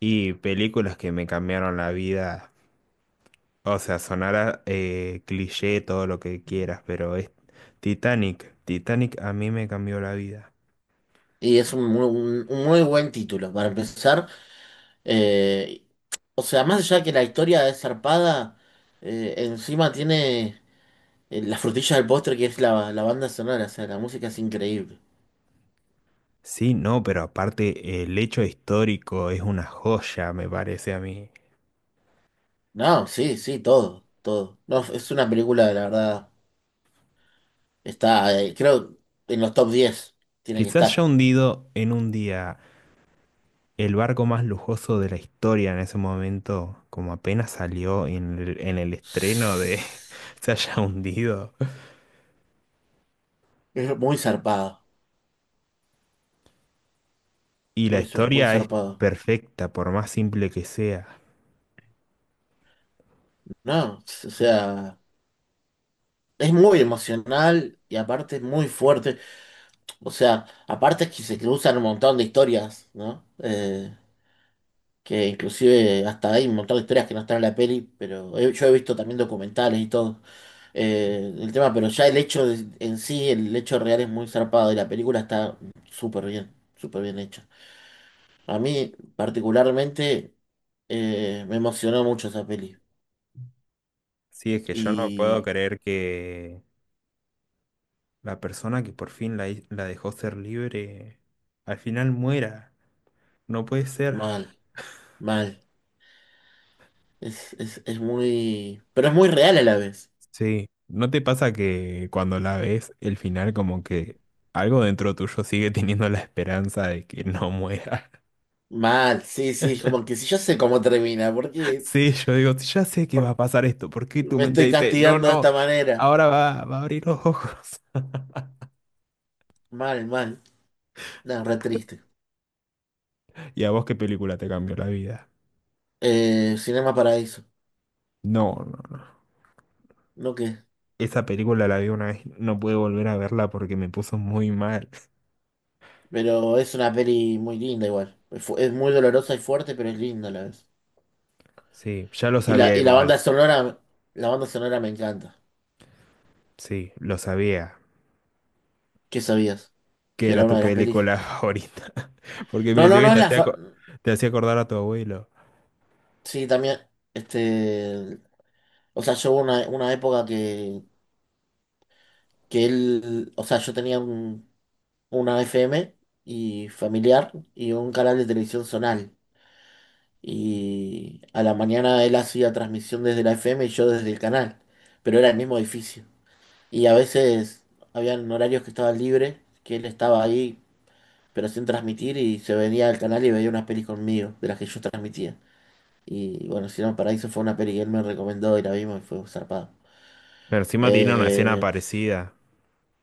Y películas que me cambiaron la vida. O sea, sonará cliché, todo lo que quieras, pero es Titanic. Titanic a mí me cambió la vida. Y es un muy buen título para empezar. eh, o sea, más allá de que la historia es zarpada, encima tiene la frutilla del postre que es la banda sonora. O sea, la música es increíble. Sí, no, pero aparte el hecho histórico es una joya, me parece a mí. No, sí, sí, todo, todo. No, es una película, la verdad, está, creo, en los top 10 tiene que Quizás estar. ya hundido en un día el barco más lujoso de la historia en ese momento, como apenas salió en el estreno de se haya hundido. Es muy zarpado, Y la muy historia es zarpado. perfecta, por más simple que sea. No, o sea, es muy emocional y aparte es muy fuerte. O sea, aparte es que se cruzan un montón de historias, ¿no? Que inclusive hasta hay un montón de historias que no están en la peli, pero yo he visto también documentales y todo. El tema, pero ya el hecho en sí, el hecho real es muy zarpado y la película está súper bien hecha. A mí particularmente me emocionó mucho esa peli Sí, es que yo no puedo y creer que la persona que por fin la dejó ser libre al final muera. No puede ser. mal, mal. Pero es muy real a la vez. Sí. ¿No te pasa que cuando la ves, el final como que algo dentro tuyo sigue teniendo la esperanza de que no muera? Mal, sí, sí, como que si yo sé cómo termina, ¿por qué Sí, yo digo, ya sé que va por- a pasar esto. ¿Por qué tu me mente estoy dice, no, castigando de no, esta manera? ahora va a abrir los ojos? Mal, mal, nada, re triste. ¿Y a vos qué película te cambió la vida? Cinema Paraíso, No, no. no qué, Esa película la vi una vez, no pude volver a verla porque me puso muy mal. pero es una peli muy linda igual. Es muy dolorosa y fuerte, pero es linda a la vez. Sí, ya lo Y la, sabía y la igual. banda sonora, la banda sonora me encanta. Sí, lo sabía. ¿Qué sabías? Que Que era era una tu de las pelis. película favorita. Porque me No, no, decía no que es la fa- te hacía acordar a tu abuelo. Sí, también, este, o sea, yo hubo una época que él, o sea, yo tenía un una FM y familiar y un canal de televisión zonal. Y a la mañana él hacía transmisión desde la FM y yo desde el canal, pero era el mismo edificio. Y a veces habían horarios que estaban libres, que él estaba ahí, pero sin transmitir y se venía al canal y veía unas pelis conmigo, de las que yo transmitía. Y bueno, Cielo Paraíso fue una peli que él me recomendó y la vimos y fue zarpada. Pero encima tiene una escena Eh, parecida.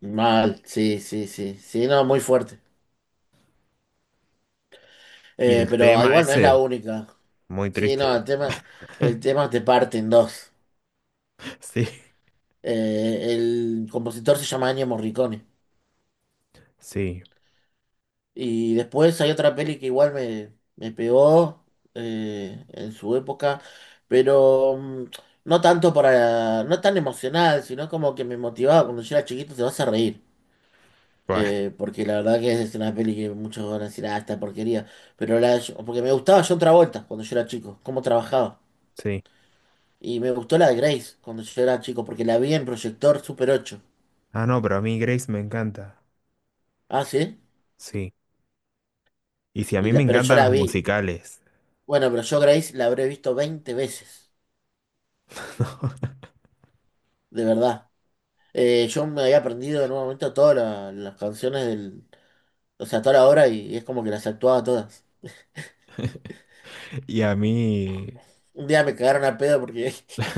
mal, sí, sí, sí, sí, no, muy fuerte. Y Eh, el pero tema igual no es la ese, única. muy Sí, no, el triste. tema, el tema te parte en dos. Sí, El compositor se llama Ennio Morricone. sí. Y después hay otra peli que igual me pegó en su época, pero no tanto para, no tan emocional, sino como que me motivaba cuando yo era chiquito, te vas a reír. Bueno, Porque la verdad que es una peli que muchos van a decir, ah, esta porquería. Pero la, porque me gustaba John Travolta cuando yo era chico, cómo trabajaba. sí. Y me gustó la de Grace cuando yo era chico, porque la vi en proyector Super 8. Ah, no, pero a mí Grace me encanta. Ah, sí. Sí. Y si a Y mí me la- pero yo encantan la los vi. musicales. Bueno, pero yo Grace la habré visto 20 veces. De verdad. Yo me había aprendido en un momento todas las canciones del. O sea, toda la obra y es como que las actuaba todas. Y a mí. Un día me cagaron a pedo porque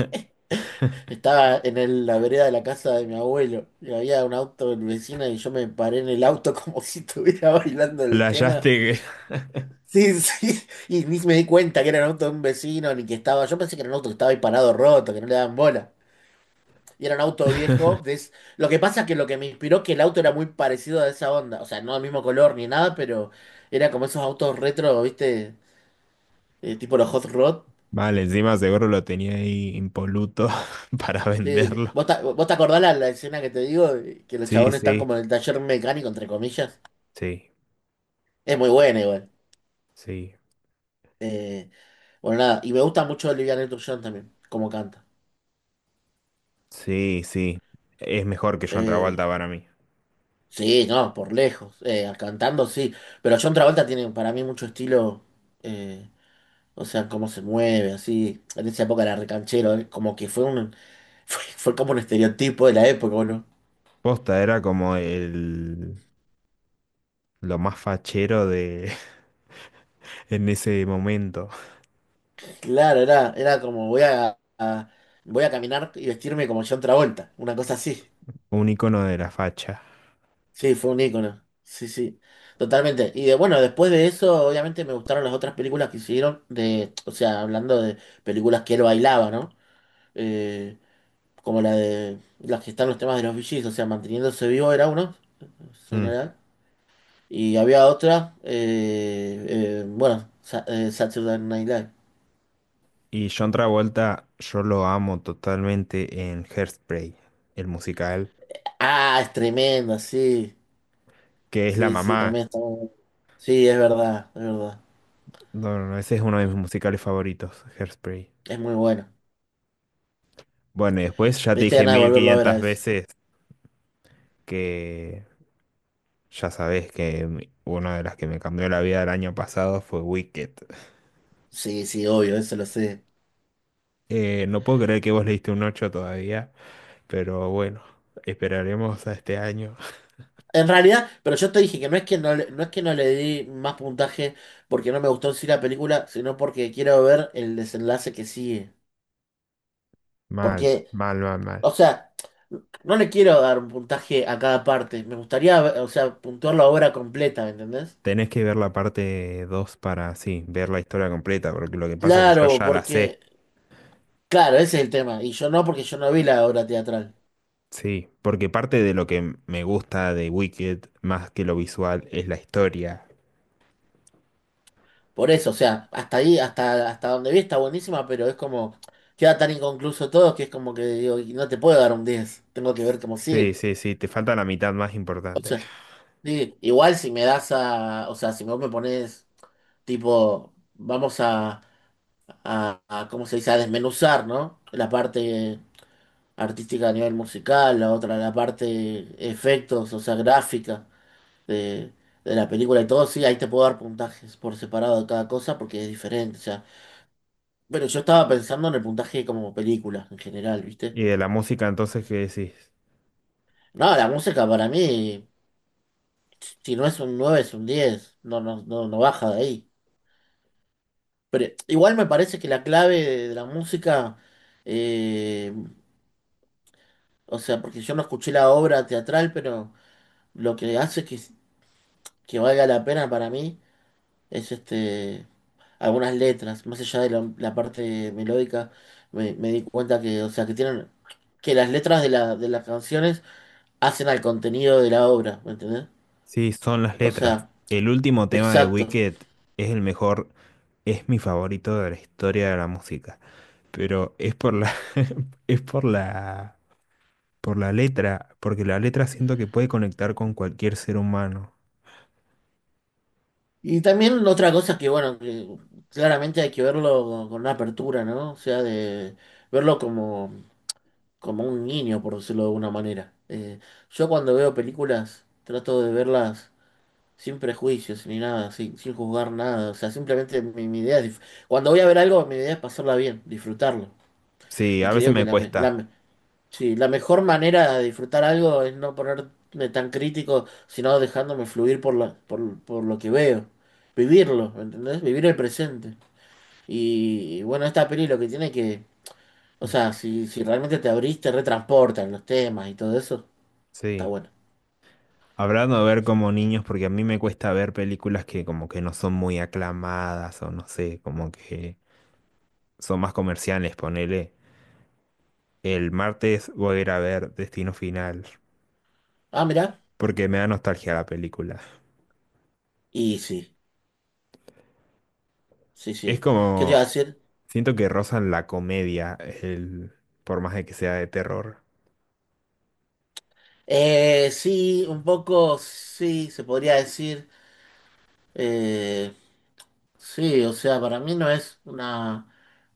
estaba en la vereda de la casa de mi abuelo y había un auto del vecino y yo me paré en el auto como si estuviera bailando el tema. Playaste. Sí, sí. Y ni me di cuenta que era un auto de un vecino ni que estaba. Yo pensé que era un auto que estaba ahí parado roto, que no le daban bola. Y era un auto viejo. Lo que pasa es que lo que me inspiró que el auto era muy parecido a esa onda. O sea, no del mismo color ni nada, pero era como esos autos retro, ¿viste? Tipo los Hot Rod. Mal, encima seguro lo tenía ahí impoluto para Sí, venderlo. ¿vos te acordás la escena que te digo? Que los Sí, chabones están sí, como en el taller mecánico, entre comillas. sí, Es muy buena igual. sí, Eh, bueno, nada. Y me gusta mucho Olivia Newton-John también, como canta. sí, sí. Es mejor que John Eh, Travolta para mí. sí, no, por lejos. Cantando sí. Pero John Travolta tiene para mí mucho estilo. eh, O sea, cómo se mueve, así. En esa época era recanchero, ¿eh? Como que fue un, fue como un estereotipo de la época, ¿o no? Posta era como el lo más fachero de en ese momento. Claro, era como voy a caminar y vestirme como John Travolta, una cosa así. Un icono de la facha. Sí, fue un ícono. Sí, sí. Totalmente. Y bueno, después de eso, obviamente me gustaron las otras películas que hicieron o sea, hablando de películas que él bailaba, ¿no? Eh, como la de las que están los temas de los VGs, o sea, manteniéndose vivo era uno, en Mm. general. Y había otra, bueno, Saturday Night Live. Y John Travolta, yo lo amo totalmente en Hairspray, el musical, Ah, es tremenda, sí. que es la Sí, sí, mamá. también está muy bueno. Sí, es verdad, es verdad. No, no, no, ese es uno de Es, mis musicales favoritos, Hairspray. es muy bueno. Bueno, y después ya Me te diste dije ganas de mil volverlo a ver a quinientas eso. veces que ya sabés que una de las que me cambió la vida el año pasado fue Wicked. Sí, sí, obvio, eso lo sé. No puedo creer que vos le diste un 8 todavía, pero bueno, esperaremos a este año. En realidad, pero yo te dije que no es que no le di más puntaje porque no me gustó en sí la película, sino porque quiero ver el desenlace que sigue. Mal, Porque mal, mal, O mal. sea, no le quiero dar un puntaje a cada parte. Me gustaría, o sea, puntuar la obra completa, ¿me entendés? Tenés que ver la parte 2 para, sí, ver la historia completa, porque lo que pasa es que yo Claro, ya la sé. claro, ese es el tema. Y yo no, porque yo no vi la obra teatral. Sí, porque parte de lo que me gusta de Wicked, más que lo visual, es la historia. Por eso, o sea, hasta ahí, hasta donde vi está buenísima, pero es como, queda tan inconcluso todo que es como que digo, y no te puedo dar un 10. Tengo que ver cómo Sí, sigue. sí, sí, te falta la mitad más O importante. sea, sí, igual si me das a, o sea, si vos me pones, tipo, vamos ¿cómo se dice? A desmenuzar, ¿no? La parte artística a nivel musical, la otra, la parte efectos, o sea, gráfica de, de la película y todo, sí, ahí te puedo dar puntajes por separado de cada cosa porque es diferente, o sea. Pero yo estaba pensando en el puntaje como película en general, ¿viste? ¿Y de la música entonces qué decís? No, la música para mí, si no es un 9 es un 10, no, no, no, no baja de ahí. Pero igual me parece que la clave de la música eh, O sea, porque yo no escuché la obra teatral, pero lo que hace que valga la pena para mí es algunas letras, más allá de la parte melódica, me di cuenta que, o sea, que tienen, que las letras de las canciones hacen al contenido de la obra, ¿me entendés? Sí, son las O letras. sea, El último tema de exacto. Wicked es el mejor, es mi favorito de la historia de la música. Pero es por la, es por la letra, porque la letra siento que puede conectar con cualquier ser humano. Y también otra cosa que, bueno, que claramente hay que verlo con una apertura, ¿no? O sea, de verlo como un niño, por decirlo de alguna manera. Yo cuando veo películas trato de verlas sin prejuicios ni nada, sin juzgar nada. O sea, simplemente mi, mi idea es... dif- Cuando voy a ver algo, mi idea es pasarla bien, disfrutarlo. Sí, Y a veces creo que me cuesta. Sí, la mejor manera de disfrutar algo es no ponerme tan crítico, sino dejándome fluir por lo que veo. Vivirlo, ¿entendés? Vivir el presente. Y bueno, esta peli lo que tiene que... O sea, si realmente te abrís, te retransportan los temas y todo eso. Está Sí. bueno. Hablando de ver como niños, porque a mí me cuesta ver películas que como que no son muy aclamadas o no sé, como que son más comerciales, ponele. El martes voy a ir a ver Destino Final. Ah, mira. Porque me da nostalgia la película. Y sí, sí, Es sí. ¿Qué te iba a como, decir? siento que rozan la comedia, el, por más de que sea de terror. Sí, un poco, sí, se podría decir. Eh, sí, o sea, para mí no es una,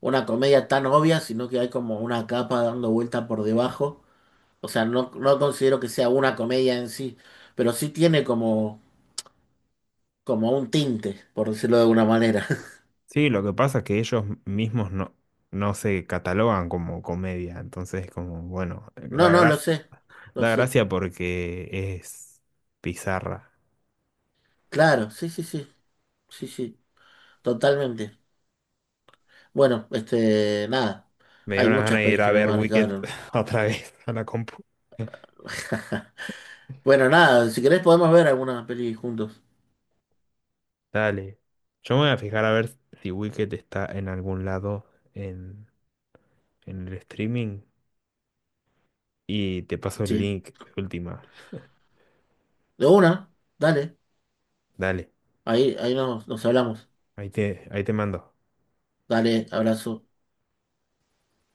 una comedia tan obvia, sino que hay como una capa dando vuelta por debajo. O sea, no, no considero que sea una comedia en sí, pero sí tiene como un tinte, por decirlo de alguna manera. Sí, lo que pasa es que ellos mismos no, no se catalogan como comedia, entonces como, bueno, No, no, lo sé, lo da sé. gracia porque es pizarra. Claro, sí, sí, sí, sí, sí, totalmente. Bueno, nada. Me dio Hay una gana muchas de ir pelis que a me ver Wicked marcaron. otra vez a la compu. Bueno, nada, si querés podemos ver alguna peli juntos. Dale. Yo me voy a fijar a ver si Wicked está en algún lado en, en el streaming. Y te paso el Sí. link de última. De una, dale. Dale, Ahí nos hablamos. Ahí te mando. Dale, abrazo.